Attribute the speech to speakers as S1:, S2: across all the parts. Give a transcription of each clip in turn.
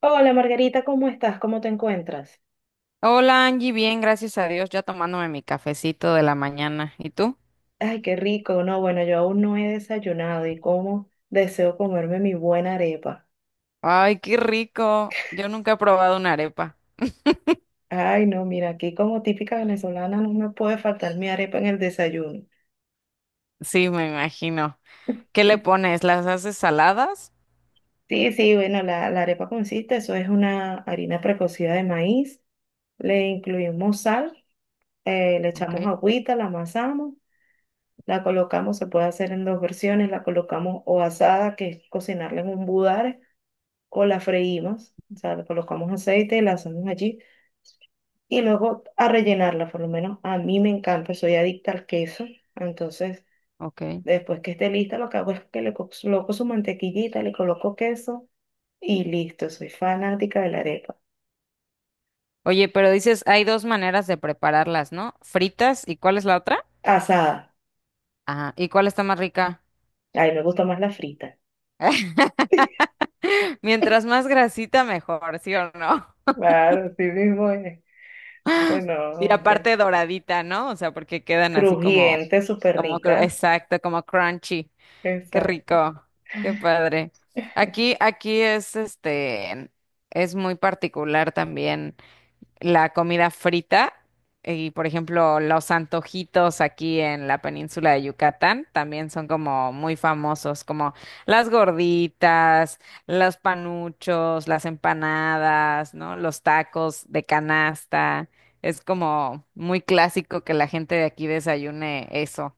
S1: Hola Margarita, ¿cómo estás? ¿Cómo te encuentras?
S2: Hola Angie, bien, gracias a Dios, ya tomándome mi cafecito de la mañana. ¿Y tú?
S1: Ay, qué rico. No, bueno, yo aún no he desayunado y cómo deseo comerme mi buena arepa.
S2: Ay, qué rico. Yo nunca he probado una arepa.
S1: Ay, no, mira, aquí como típica venezolana no me puede faltar mi arepa en el desayuno.
S2: Sí, me imagino. ¿Qué le pones? ¿Las haces saladas?
S1: Sí, sí, bueno, la arepa consiste, eso es una harina precocida de maíz, le incluimos sal, le
S2: Ok,
S1: echamos agüita, la amasamos, la colocamos, se puede hacer en dos versiones, la colocamos o asada, que es cocinarla en un budare o la freímos, o sea, le colocamos aceite, la hacemos allí y luego a rellenarla, por lo menos a mí me encanta, soy adicta al queso, entonces
S2: ok.
S1: después que esté lista lo que hago es que le coloco su mantequillita, le coloco queso y listo, soy fanática de la arepa.
S2: Oye, pero dices, hay dos maneras de prepararlas, ¿no? Fritas, ¿y cuál es la otra?
S1: Asada,
S2: Ah, ¿y cuál está más rica?
S1: ay, me gusta más la frita.
S2: Mientras más grasita, mejor, ¿sí o no?
S1: Claro, sí mismo es. Bueno,
S2: Y
S1: de-
S2: aparte doradita, ¿no? O sea, porque quedan así como,
S1: crujiente, súper
S2: como,
S1: rica.
S2: exacto, como crunchy. Qué
S1: Exacto.
S2: rico, qué padre. Aquí es este, es muy particular también la comida frita y, por ejemplo, los antojitos aquí en la península de Yucatán también son como muy famosos, como las gorditas, los panuchos, las empanadas, ¿no? Los tacos de canasta. Es como muy clásico que la gente de aquí desayune eso.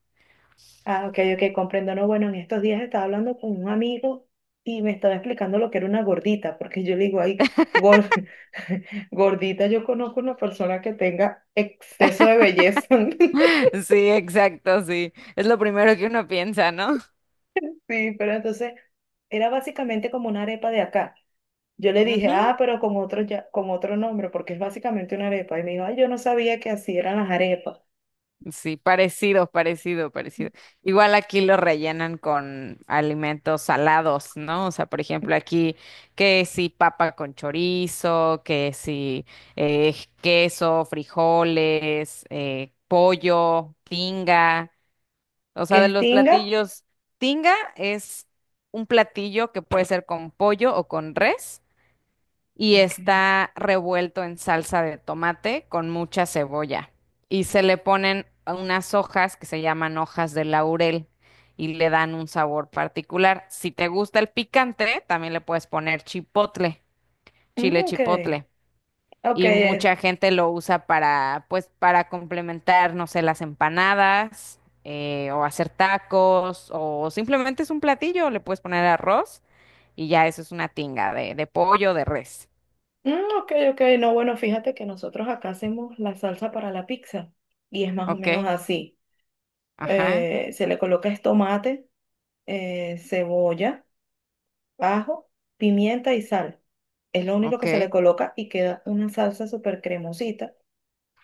S1: Ah, ok, ok, comprendo. No, bueno, en estos días estaba hablando con un amigo y me estaba explicando lo que era una gordita, porque yo le digo, ay, gor- gordita, yo conozco una persona que tenga exceso de belleza.
S2: Sí, exacto, sí. Es lo primero que uno piensa, ¿no?
S1: Sí, pero entonces era básicamente como una arepa de acá. Yo le dije,
S2: Ujú.
S1: ah, pero con otro, ya, con otro nombre, porque es básicamente una arepa. Y me dijo, ay, yo no sabía que así eran las arepas.
S2: Sí, parecido, parecido, parecido. Igual aquí lo rellenan con alimentos salados, ¿no? O sea, por ejemplo, aquí que si papa con chorizo, que si eh, queso, frijoles, pollo, tinga. O
S1: ¿Qué
S2: sea, de
S1: es
S2: los
S1: tinga?
S2: platillos, tinga es un platillo que puede ser con pollo o con res. Y
S1: Ok.
S2: está revuelto en salsa de tomate con mucha cebolla. Y se le ponen unas hojas que se llaman hojas de laurel y le dan un sabor particular. Si te gusta el picante, también le puedes poner chipotle,
S1: Mm,
S2: chile
S1: ok,
S2: chipotle.
S1: ok,
S2: Y mucha gente lo usa para, pues, para complementar, no sé, las empanadas, o hacer tacos, o simplemente es un platillo, le puedes poner arroz y ya eso es una tinga de pollo, de res.
S1: Mm, ok, ok, no, bueno, fíjate que nosotros acá hacemos la salsa para la pizza y es más o
S2: ¿Ok?
S1: menos así.
S2: Ajá,
S1: Se le coloca es tomate, cebolla, ajo, pimienta y sal. Es lo único
S2: ok.
S1: que se le
S2: Qué
S1: coloca y queda una salsa súper cremosita.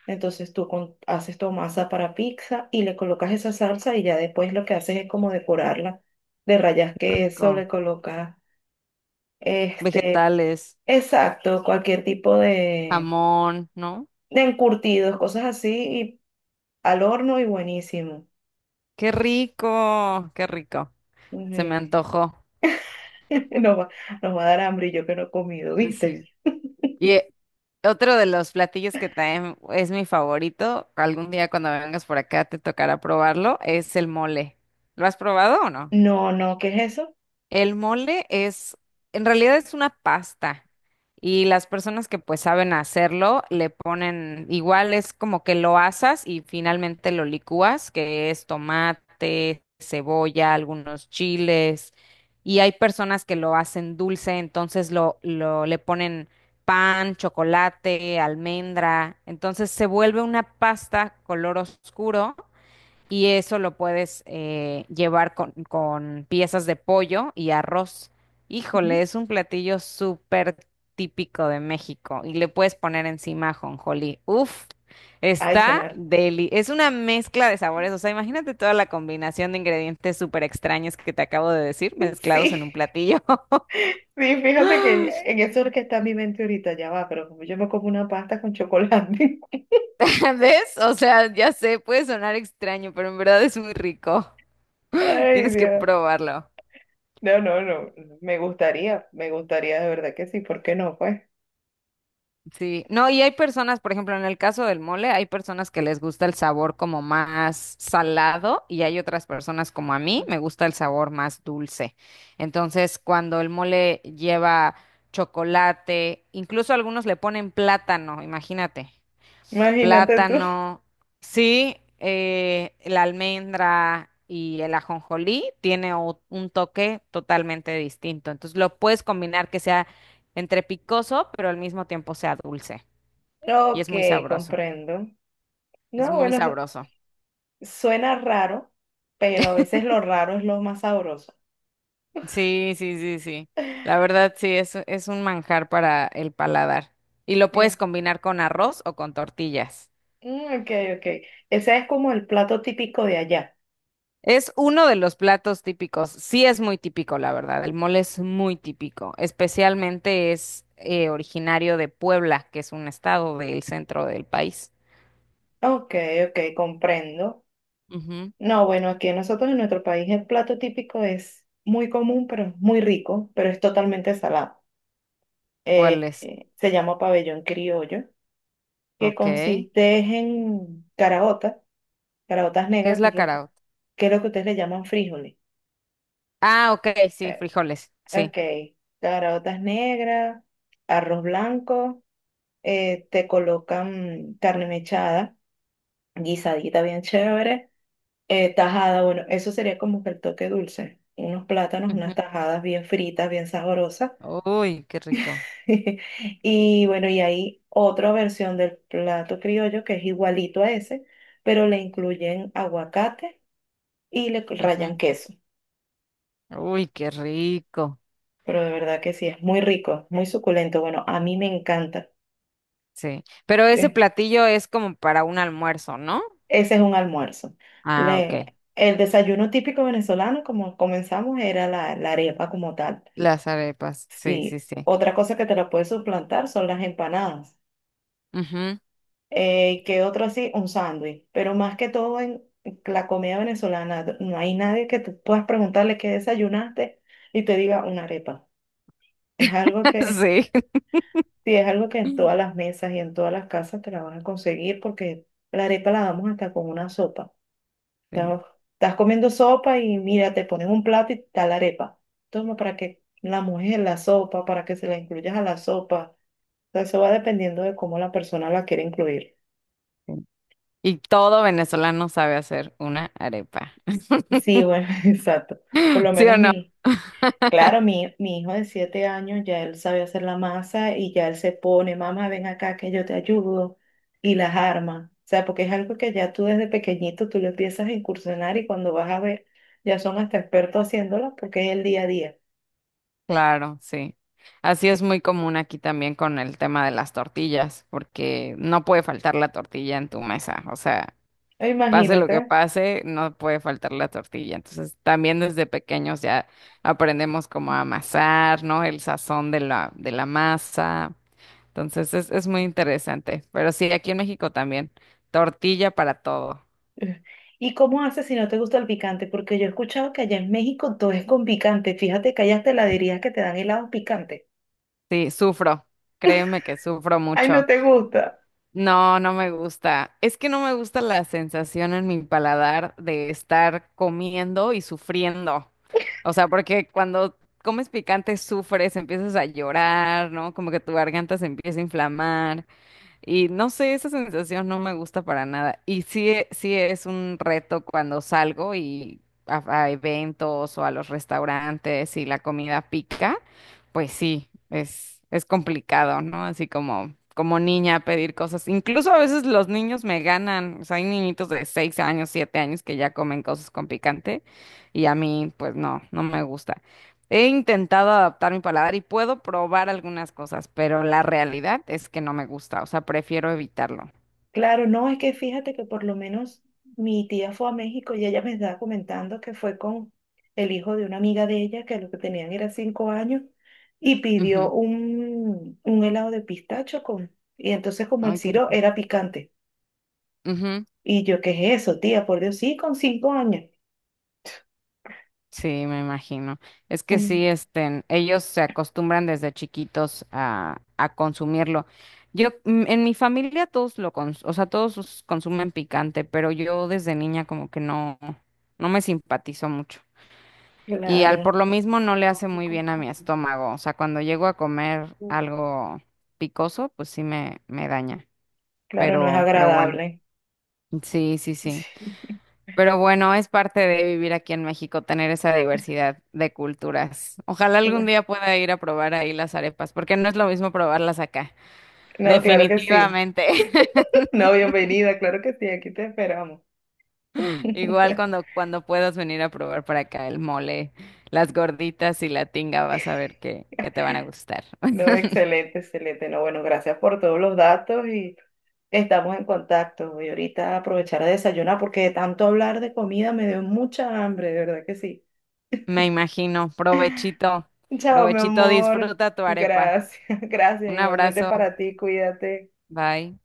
S1: Entonces tú haces tu masa para pizza y le colocas esa salsa y ya después lo que haces es como decorarla. De rayas queso, le
S2: rico.
S1: colocas este,
S2: Vegetales.
S1: exacto, cualquier tipo de
S2: Jamón, ¿no?
S1: encurtidos, cosas así, y al horno y buenísimo.
S2: Qué rico, qué rico. Se me
S1: Ujú.
S2: antojó.
S1: Nos va, nos va a dar hambre y yo que no he comido, ¿viste?
S2: Sí. Y otro de los platillos que también es mi favorito, algún día cuando vengas por acá te tocará probarlo, es el mole. ¿Lo has probado o no?
S1: No, no, ¿qué es eso?
S2: El mole es, en realidad es una pasta y las personas que pues saben hacerlo le ponen, igual es como que lo asas y finalmente lo licúas, que es tomate, cebolla, algunos chiles y hay personas que lo hacen dulce, entonces lo le ponen pan, chocolate, almendra, entonces se vuelve una pasta color oscuro y eso lo puedes llevar con, piezas de pollo y arroz.
S1: Ujú.
S2: Híjole, es un platillo súper típico de México y le puedes poner encima ajonjolí. Uf,
S1: Ay,
S2: está
S1: sonar.
S2: deli. Es una mezcla de sabores, o sea, imagínate toda la combinación de ingredientes súper extraños que te acabo de decir, mezclados
S1: Sí,
S2: en un platillo.
S1: sí, fíjate que en eso es que está mi mente ahorita, ya va, pero como yo me como una pasta con chocolate.
S2: ¿Ves? O sea, ya sé, puede sonar extraño, pero en verdad es muy rico.
S1: Ay,
S2: Tienes que
S1: Dios.
S2: probarlo.
S1: No, no, no, me gustaría de verdad que sí, ¿por qué no? Pues,
S2: Sí, no, y hay personas, por ejemplo, en el caso del mole, hay personas que les gusta el sabor como más salado y hay otras personas como a mí, me gusta el sabor más dulce. Entonces, cuando el mole lleva chocolate, incluso algunos le ponen plátano, imagínate,
S1: imagínate tú.
S2: plátano, sí, la almendra y el ajonjolí tiene un toque totalmente distinto. Entonces, lo puedes combinar que sea entre picoso, pero al mismo tiempo sea dulce. Y es
S1: Ok,
S2: muy sabroso,
S1: comprendo.
S2: es
S1: No,
S2: muy
S1: bueno,
S2: sabroso.
S1: suena raro, pero a veces lo raro es lo más sabroso.
S2: Sí, sí, sí, sí. La verdad, sí, es un manjar para el paladar. Y lo puedes
S1: Claro.
S2: combinar con arroz o con tortillas.
S1: Mm, ok, ok. Ese es como el plato típico de allá.
S2: Es uno de los platos típicos. Sí, es muy típico, la verdad. El mole es muy típico. Especialmente es originario de Puebla, que es un estado del centro del país.
S1: Ok, ok, comprendo.
S2: Ujú.
S1: No, bueno, aquí nosotros en nuestro país el plato típico es muy común, pero es muy rico, pero es totalmente salado.
S2: ¿Cuál es?
S1: Se llama pabellón criollo, que
S2: Ok. ¿Qué
S1: consiste en caraotas, caraotas
S2: es
S1: negras,
S2: la caraota?
S1: que es lo que ustedes le llaman frijoles.
S2: Ah, ok, sí,
S1: Eh,
S2: frijoles. Sí.
S1: Ok, caraotas negras, arroz blanco, te colocan carne mechada, guisadita bien chévere, tajada, bueno, eso sería como que el toque dulce, unos plátanos, unas
S2: Ujú.
S1: tajadas bien fritas, bien sabrosas.
S2: Uy, qué rico.
S1: Y bueno, y hay otra versión del plato criollo que es igualito a ese, pero le incluyen aguacate y le
S2: Ujú.
S1: rayan queso.
S2: Uy, qué rico.
S1: Pero de verdad que sí, es muy rico, muy suculento. Bueno, a mí me encanta.
S2: Sí. Pero ese platillo es como para un almuerzo, ¿no?
S1: Ese es un almuerzo.
S2: Ah,
S1: Le-
S2: ok.
S1: el desayuno típico venezolano, como comenzamos, era la arepa como tal.
S2: Las arepas. Sí, sí,
S1: Sí.
S2: sí.
S1: Otra cosa que te la puedes suplantar son las empanadas.
S2: Ujú.
S1: ¿Qué otro así? Un sándwich. Pero más que todo en la comida venezolana, no hay nadie que tú puedas preguntarle qué desayunaste y te diga una arepa. Es algo que,
S2: Sí.
S1: sí, es algo que en todas las mesas y en todas las casas te la van a conseguir porque la arepa la damos hasta con una sopa.
S2: Sí,
S1: Sea, estás comiendo sopa y mira, te ponen un plato y está la arepa. Toma para que la mojes en la sopa, para que se la incluyas a la sopa. O sea, eso va dependiendo de cómo la persona la quiere incluir.
S2: sí. Y todo venezolano sabe hacer una arepa.
S1: Sí, bueno, exacto. Por lo
S2: ¿Sí o
S1: menos
S2: no?
S1: mi, claro, mi hijo de 7 años ya él sabe hacer la masa y ya él se pone, mamá, ven acá que yo te ayudo y las arma. O sea, porque es algo que ya tú desde pequeñito tú lo empiezas a incursionar y cuando vas a ver, ya son hasta expertos haciéndolo porque es el día a día.
S2: Claro, sí. Así es muy común aquí también con el tema de las tortillas, porque no puede faltar la tortilla en tu mesa. O sea, pase lo
S1: Imagínate.
S2: que pase, no puede faltar la tortilla. Entonces, también desde pequeños ya aprendemos cómo amasar, ¿no? El sazón de la masa. Entonces, es muy interesante. Pero sí, aquí en México también, tortilla para todo.
S1: ¿Y cómo haces si no te gusta el picante? Porque yo he escuchado que allá en México todo es con picante. Fíjate que hay hasta heladerías que te dan helados picantes.
S2: Sí, sufro. Créeme que sufro
S1: Ay, no
S2: mucho.
S1: te gusta.
S2: No, no me gusta. Es que no me gusta la sensación en mi paladar de estar comiendo y sufriendo. O sea, porque cuando comes picante sufres, empiezas a llorar, ¿no? Como que tu garganta se empieza a inflamar. Y no sé, esa sensación no me gusta para nada. Y sí, sí es un reto cuando salgo y a eventos o a los restaurantes y la comida pica, pues sí, es complicado, ¿no? Así como, como niña pedir cosas. Incluso a veces los niños me ganan. O sea, hay niñitos de 6 años, 7 años que ya comen cosas con picante y a mí, pues no, no me gusta. He intentado adaptar mi paladar y puedo probar algunas cosas, pero la realidad es que no me gusta, o sea, prefiero evitarlo.
S1: Claro, no, es que fíjate que por lo menos mi tía fue a México y ella me estaba comentando que fue con el hijo de una amiga de ella, que lo que tenían era 5 años, y pidió
S2: Ujú.
S1: un helado de pistacho con, y entonces como el
S2: Ay, qué
S1: siro
S2: rico.
S1: era picante.
S2: Ujú.
S1: Y yo, ¿qué es eso, tía? Por Dios, sí, con 5 años.
S2: Sí, me imagino. Es que sí,
S1: Mm,
S2: este, ellos se acostumbran desde chiquitos a consumirlo. Yo, en mi familia todos lo o sea, todos consumen picante, pero yo desde niña como que no, no me simpatizó mucho. Y al
S1: claro.
S2: por lo mismo no le hace muy bien a mi estómago. O sea, cuando llego a comer algo picoso, pues sí me, daña.
S1: Claro, no es
S2: Pero bueno,
S1: agradable.
S2: sí, sí, sí. Pero bueno, es parte de vivir aquí en México, tener esa diversidad de culturas. Ojalá
S1: Qué
S2: algún
S1: bueno.
S2: día pueda ir a probar ahí las arepas, porque no es lo mismo probarlas acá.
S1: No, claro que sí.
S2: Definitivamente.
S1: No, bienvenida, claro que sí, aquí te esperamos.
S2: Igual cuando, puedas venir a probar para acá el mole, las gorditas y la tinga, vas a ver que te van a gustar.
S1: No, excelente, excelente. No, bueno, gracias por todos los datos y estamos en contacto. Voy ahorita a aprovechar a desayunar porque de tanto hablar de comida me dio mucha hambre, de verdad que sí.
S2: Me imagino. Provechito.
S1: Chao, mi
S2: Provechito,
S1: amor.
S2: disfruta tu arepa.
S1: Gracias, gracias.
S2: Un
S1: Igualmente
S2: abrazo.
S1: para ti, cuídate.
S2: Bye.